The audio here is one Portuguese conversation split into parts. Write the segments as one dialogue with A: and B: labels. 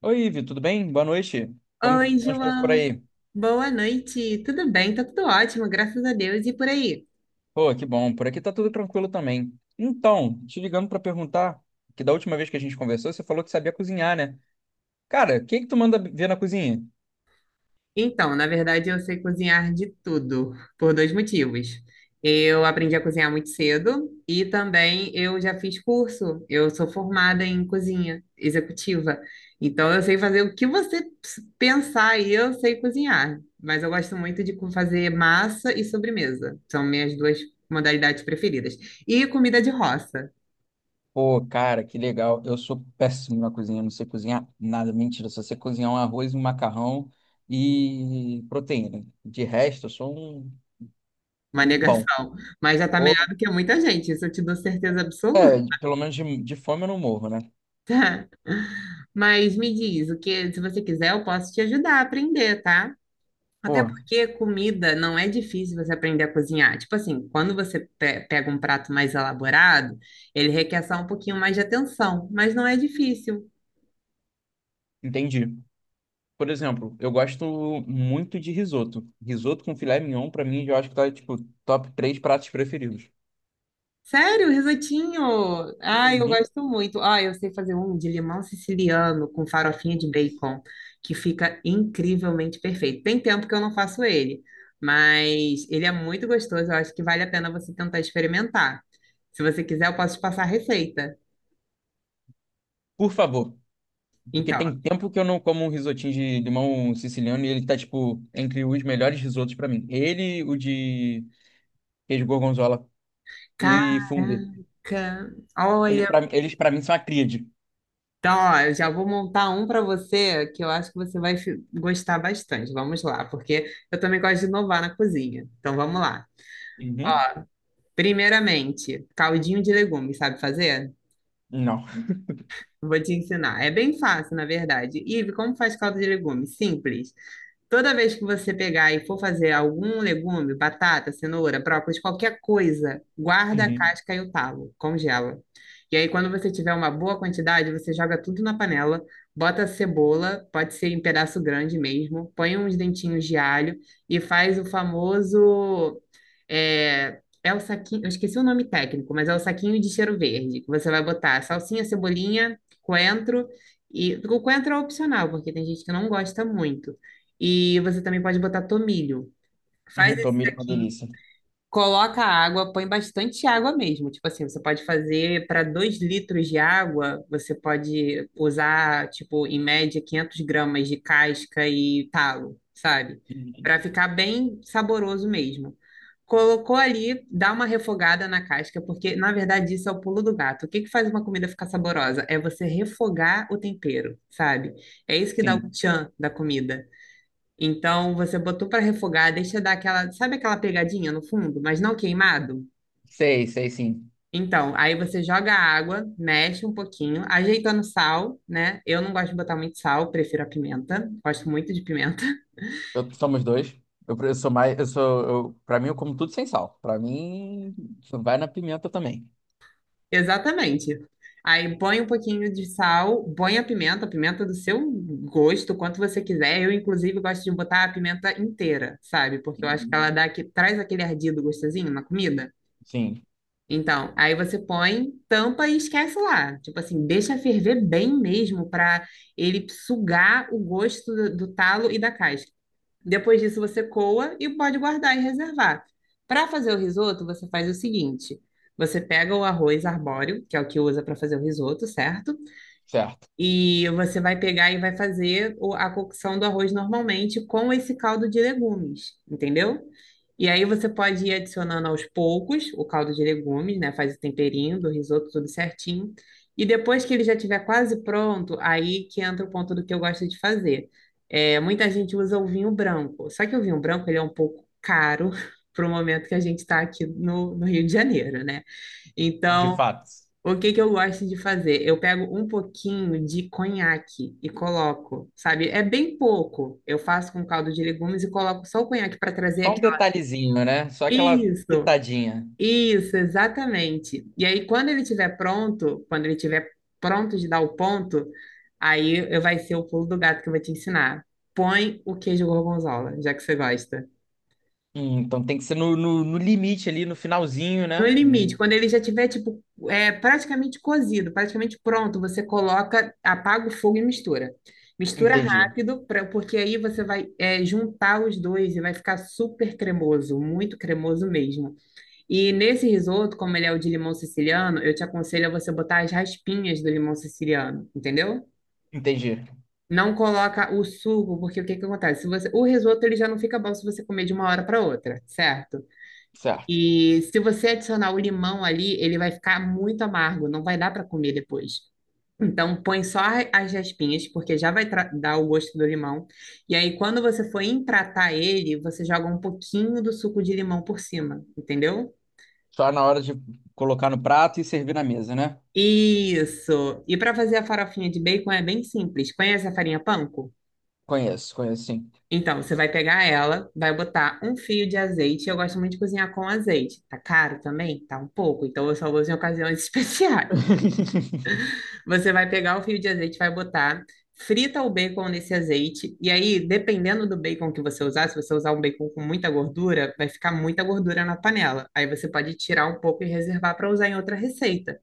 A: Oi, Ivi, tudo bem? Boa noite. Como
B: Oi,
A: estão as coisas por
B: João.
A: aí?
B: Boa noite. Tudo bem? Tá tudo ótimo, graças a Deus. E por aí?
A: Pô, que bom. Por aqui tá tudo tranquilo também. Então, te ligando pra perguntar, que da última vez que a gente conversou, você falou que sabia cozinhar, né? Cara, o que que tu manda ver na cozinha?
B: Então, na verdade, eu sei cozinhar de tudo, por dois motivos. Eu aprendi a cozinhar muito cedo e também eu já fiz curso. Eu sou formada em cozinha executiva. Então, eu sei fazer o que você pensar e eu sei cozinhar. Mas eu gosto muito de fazer massa e sobremesa. São minhas duas modalidades preferidas. E comida de roça.
A: Pô, cara, que legal. Eu sou péssimo na cozinha, eu não sei cozinhar nada. Mentira, só sei cozinhar um arroz, um macarrão e proteína. De resto, eu sou um,
B: Uma
A: um pão.
B: negação. Mas já tá melhor
A: Ou,
B: do que muita gente, isso eu te dou certeza absoluta.
A: é, pelo menos de fome eu não morro, né?
B: Mas me diz, o que, se você quiser, eu posso te ajudar a aprender, tá? Até
A: Pô,
B: porque comida não é difícil você aprender a cozinhar. Tipo assim, quando você pega um prato mais elaborado, ele requer só um pouquinho mais de atenção, mas não é difícil.
A: entendi. Por exemplo, eu gosto muito de risoto. Risoto com filé mignon, pra mim, eu acho que tá, tipo, top três pratos preferidos.
B: Sério, risotinho? Ai, eu
A: Uhum.
B: gosto muito. Ah, eu sei fazer um de limão siciliano com farofinha de bacon, que fica incrivelmente perfeito. Tem tempo que eu não faço ele, mas ele é muito gostoso. Eu acho que vale a pena você tentar experimentar. Se você quiser, eu posso te passar a receita.
A: Por favor, porque
B: Então,
A: tem tempo que eu não como um risotinho de limão siciliano e ele tá, tipo, entre os melhores risotos pra mim. Ele, o de queijo gorgonzola
B: caraca,
A: e fungo. Ele,
B: olha,
A: pra, eles, pra mim, são a tríade.
B: então, ó, eu já vou montar um para você que eu acho que você vai gostar bastante. Vamos lá, porque eu também gosto de inovar na cozinha. Então, vamos lá.
A: Uhum.
B: Primeiramente, caldinho de legumes, sabe fazer?
A: Não.
B: Vou te ensinar. É bem fácil, na verdade. Ive, como faz caldo de legumes? Simples. Toda vez que você pegar e for fazer algum legume, batata, cenoura, brócolis, qualquer coisa, guarda a
A: Uhum.
B: casca e o talo, congela. E aí, quando você tiver uma boa quantidade, você joga tudo na panela, bota a cebola, pode ser em pedaço grande mesmo, põe uns dentinhos de alho e faz o famoso. É, é o saquinho, eu esqueci o nome técnico, mas é o saquinho de cheiro verde. Que Você vai botar salsinha, cebolinha, coentro. E o coentro é opcional, porque tem gente que não gosta muito. E você também pode botar tomilho. Faz
A: Uhum.
B: esse
A: Tomilho é uma
B: saquinho,
A: delícia.
B: coloca água, põe bastante água mesmo. Tipo assim, você pode fazer para 2 litros de água, você pode usar, tipo, em média, 500 gramas de casca e talo, sabe?
A: Uhum.
B: Para ficar bem saboroso mesmo. Colocou ali, dá uma refogada na casca, porque na verdade isso é o pulo do gato. O que que faz uma comida ficar saborosa? É você refogar o tempero, sabe? É isso que dá o
A: Sim.
B: tchan da comida. Então, você botou para refogar, deixa dar aquela, sabe aquela pegadinha no fundo, mas não queimado?
A: Sei, sei, sim.
B: Então, aí você joga a água, mexe um pouquinho, ajeitando sal, né? Eu não gosto de botar muito sal, prefiro a pimenta, gosto muito de pimenta.
A: Eu, somos dois. Eu, eu sou mais. Eu sou. Eu, pra mim, eu como tudo sem sal. Pra mim, vai na pimenta também.
B: Exatamente. Aí põe um pouquinho de sal, põe a pimenta do seu gosto, quanto você quiser. Eu, inclusive, gosto de botar a pimenta inteira, sabe? Porque eu acho que
A: Uhum.
B: ela dá, que traz aquele ardido gostosinho na comida.
A: Sim,
B: Então, aí você põe, tampa e esquece lá. Tipo assim, deixa ferver bem mesmo para ele sugar o gosto do talo e da casca. Depois disso, você coa e pode guardar e reservar. Para fazer o risoto, você faz o seguinte: você pega o arroz arbóreo, que é o que usa para fazer o risoto, certo?
A: certo.
B: E você vai pegar e vai fazer a cocção do arroz normalmente com esse caldo de legumes, entendeu? E aí você pode ir adicionando aos poucos o caldo de legumes, né? Faz o temperinho do risoto tudo certinho. E depois que ele já estiver quase pronto, aí que entra o ponto do que eu gosto de fazer. É, muita gente usa o vinho branco. Só que o vinho branco ele é um pouco caro para o momento que a gente está aqui no Rio de Janeiro, né?
A: De
B: Então,
A: fato.
B: o que que eu gosto de fazer? Eu pego um pouquinho de conhaque e coloco, sabe? É bem pouco. Eu faço com caldo de legumes e coloco só o conhaque para trazer
A: Só um
B: aquela.
A: detalhezinho, né? Só aquela
B: Isso,
A: pitadinha.
B: isso, exatamente. E aí, quando ele estiver pronto, quando ele estiver pronto de dar o ponto, aí eu vai ser o pulo do gato que eu vou te ensinar. Põe o queijo gorgonzola, já que você gosta.
A: Então tem que ser no limite ali, no finalzinho,
B: No
A: né?
B: limite, quando ele já tiver tipo é, praticamente cozido, praticamente pronto, você coloca, apaga o fogo e mistura. Mistura
A: Entendi.
B: rápido, pra, porque aí você vai é, juntar os dois e vai ficar super cremoso, muito cremoso mesmo. E nesse risoto, como ele é o de limão siciliano, eu te aconselho a você botar as raspinhas do limão siciliano, entendeu?
A: Entendi.
B: Não coloca o suco, porque o que que acontece? Se você, o risoto ele já não fica bom se você comer de uma hora para outra, certo?
A: Certo.
B: E se você adicionar o limão ali, ele vai ficar muito amargo, não vai dar para comer depois. Então, põe só as raspinhas, porque já vai dar o gosto do limão. E aí, quando você for empratar ele, você joga um pouquinho do suco de limão por cima, entendeu?
A: Só na hora de colocar no prato e servir na mesa, né?
B: Isso! E para fazer a farofinha de bacon é bem simples. Conhece a farinha panko?
A: Conheço, conheço sim.
B: Então, você vai pegar ela, vai botar um fio de azeite. Eu gosto muito de cozinhar com azeite. Tá caro também? Tá um pouco. Então, eu só uso em ocasiões especiais. Você vai pegar o fio de azeite, vai botar, frita o bacon nesse azeite, e aí, dependendo do bacon que você usar, se você usar um bacon com muita gordura, vai ficar muita gordura na panela. Aí você pode tirar um pouco e reservar para usar em outra receita.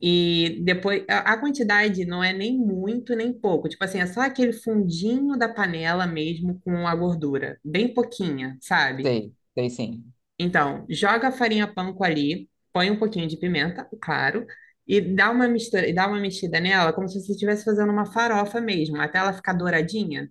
B: E depois, a quantidade não é nem muito nem pouco. Tipo assim, é só aquele fundinho da panela mesmo com a gordura, bem pouquinha, sabe?
A: Sei, sei sim.
B: Então, joga a farinha panko ali, põe um pouquinho de pimenta, claro, e dá uma mistura, e dá uma mexida nela como se você estivesse fazendo uma farofa mesmo, até ela ficar douradinha.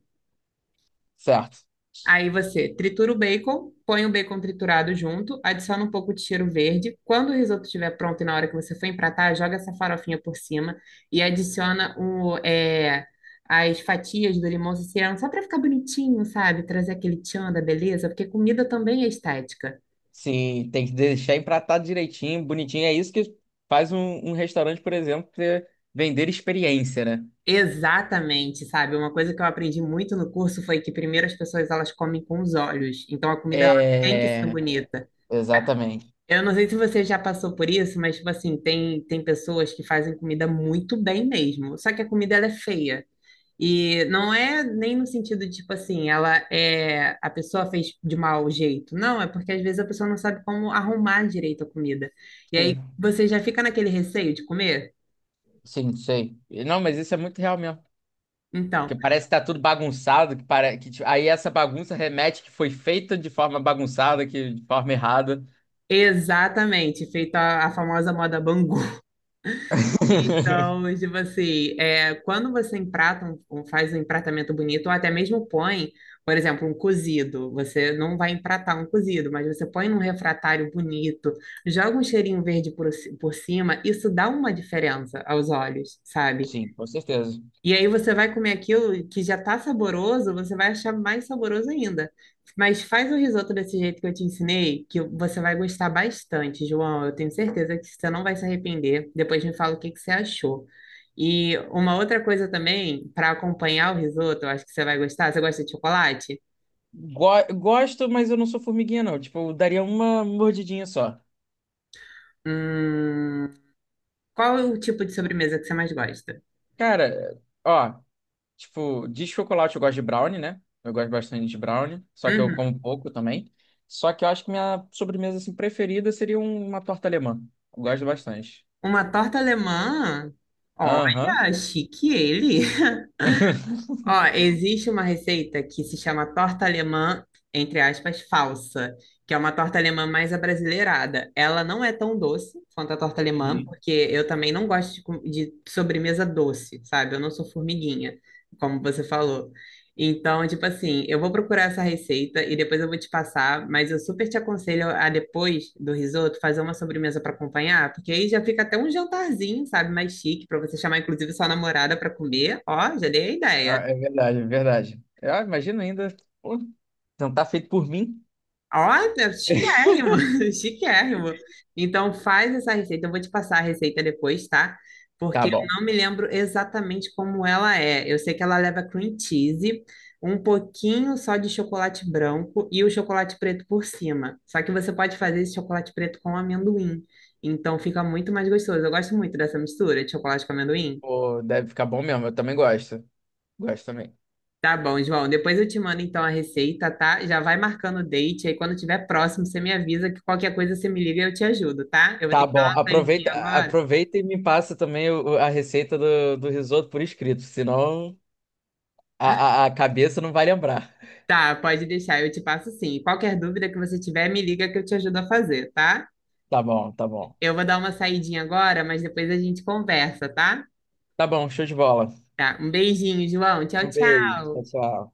A: Certo.
B: Aí você tritura o bacon, põe o bacon triturado junto, adiciona um pouco de cheiro verde. Quando o risoto estiver pronto e na hora que você for empratar, joga essa farofinha por cima e adiciona as fatias do limão siciliano, só para ficar bonitinho, sabe? Trazer aquele tchan da beleza, porque comida também é estética.
A: Sim, tem que deixar empratado direitinho, bonitinho. É isso que faz um, um restaurante, por exemplo, vender experiência, né?
B: Exatamente, sabe? Uma coisa que eu aprendi muito no curso foi que primeiro as pessoas elas comem com os olhos, então a comida ela tem que ser
A: É,
B: bonita.
A: exatamente.
B: Eu não sei se você já passou por isso, mas tipo assim, tem pessoas que fazem comida muito bem mesmo, só que a comida ela é feia. E não é nem no sentido tipo assim, ela é a pessoa fez de mau jeito. Não, é porque às vezes a pessoa não sabe como arrumar direito a comida. E aí
A: Sim,
B: você já fica naquele receio de comer.
A: sim, sei. Não, mas isso é muito real mesmo. Que
B: Então,
A: parece que tá tudo bagunçado, que para que tipo, aí essa bagunça remete que foi feita de forma bagunçada, que de forma errada.
B: exatamente, feito a famosa moda Bangu. Então, tipo assim, é, quando você emprata, faz um empratamento bonito, ou até mesmo põe, por exemplo, um cozido, você não vai empratar um cozido, mas você põe num refratário bonito, joga um cheirinho verde por, por cima, isso dá uma diferença aos olhos, sabe?
A: Sim, com certeza.
B: E aí você vai comer aquilo que já tá saboroso, você vai achar mais saboroso ainda. Mas faz o risoto desse jeito que eu te ensinei, que você vai gostar bastante, João. Eu tenho certeza que você não vai se arrepender. Depois me fala o que que você achou. E uma outra coisa também, para acompanhar o risoto, eu acho que você vai gostar. Você gosta de chocolate?
A: Gosto, mas eu não sou formiguinha, não. Tipo, eu daria uma mordidinha só.
B: Hum, qual é o tipo de sobremesa que você mais gosta?
A: Cara, ó. Tipo, de chocolate eu gosto de brownie, né? Eu gosto bastante de brownie, só que eu
B: Uhum.
A: como pouco também. Só que eu acho que minha sobremesa assim, preferida seria uma torta alemã. Eu gosto bastante.
B: Uma torta alemã?
A: Aham.
B: Olha, chique ele. Ó, existe uma receita que se chama torta alemã, entre aspas, falsa, que é uma torta alemã mais abrasileirada. Ela não é tão doce quanto a torta alemã,
A: Uhum.
B: porque eu também não gosto de, de sobremesa doce, sabe? Eu não sou formiguinha, como você falou. Então, tipo assim, eu vou procurar essa receita e depois eu vou te passar, mas eu super te aconselho a depois do risoto fazer uma sobremesa para acompanhar, porque aí já fica até um jantarzinho, sabe, mais chique, para você chamar inclusive sua namorada para comer. Ó, já dei a ideia.
A: Ah, é verdade, é verdade. Ah, imagina ainda. Pô, não tá feito por mim?
B: Olha, chiquérrimo, chiquérrimo. Então faz essa receita, eu vou te passar a receita depois, tá?
A: Tá
B: Porque eu
A: bom.
B: não me lembro exatamente como ela é. Eu sei que ela leva cream cheese, um pouquinho só de chocolate branco e o chocolate preto por cima. Só que você pode fazer esse chocolate preto com amendoim. Então fica muito mais gostoso. Eu gosto muito dessa mistura de chocolate com amendoim.
A: Pô, deve ficar bom mesmo. Eu também gosto. Gosto também.
B: Tá bom, João. Depois eu te mando então a receita, tá? Já vai marcando o date. Aí quando tiver próximo, você me avisa que qualquer coisa você me liga e eu te ajudo, tá? Eu vou ter
A: Tá
B: que dar
A: bom.
B: uma
A: Aproveita,
B: saidinha agora.
A: aproveita e me passa também a receita do risoto por escrito, senão a cabeça não vai lembrar.
B: Tá, pode deixar, eu te passo sim. Qualquer dúvida que você tiver, me liga que eu te ajudo a fazer, tá?
A: Tá bom, tá bom.
B: Eu vou dar uma saidinha agora, mas depois a gente conversa, tá?
A: Tá bom, show de bola.
B: Tá. Um beijinho, João. Tchau,
A: Um beijo, tchau,
B: tchau.
A: tchau.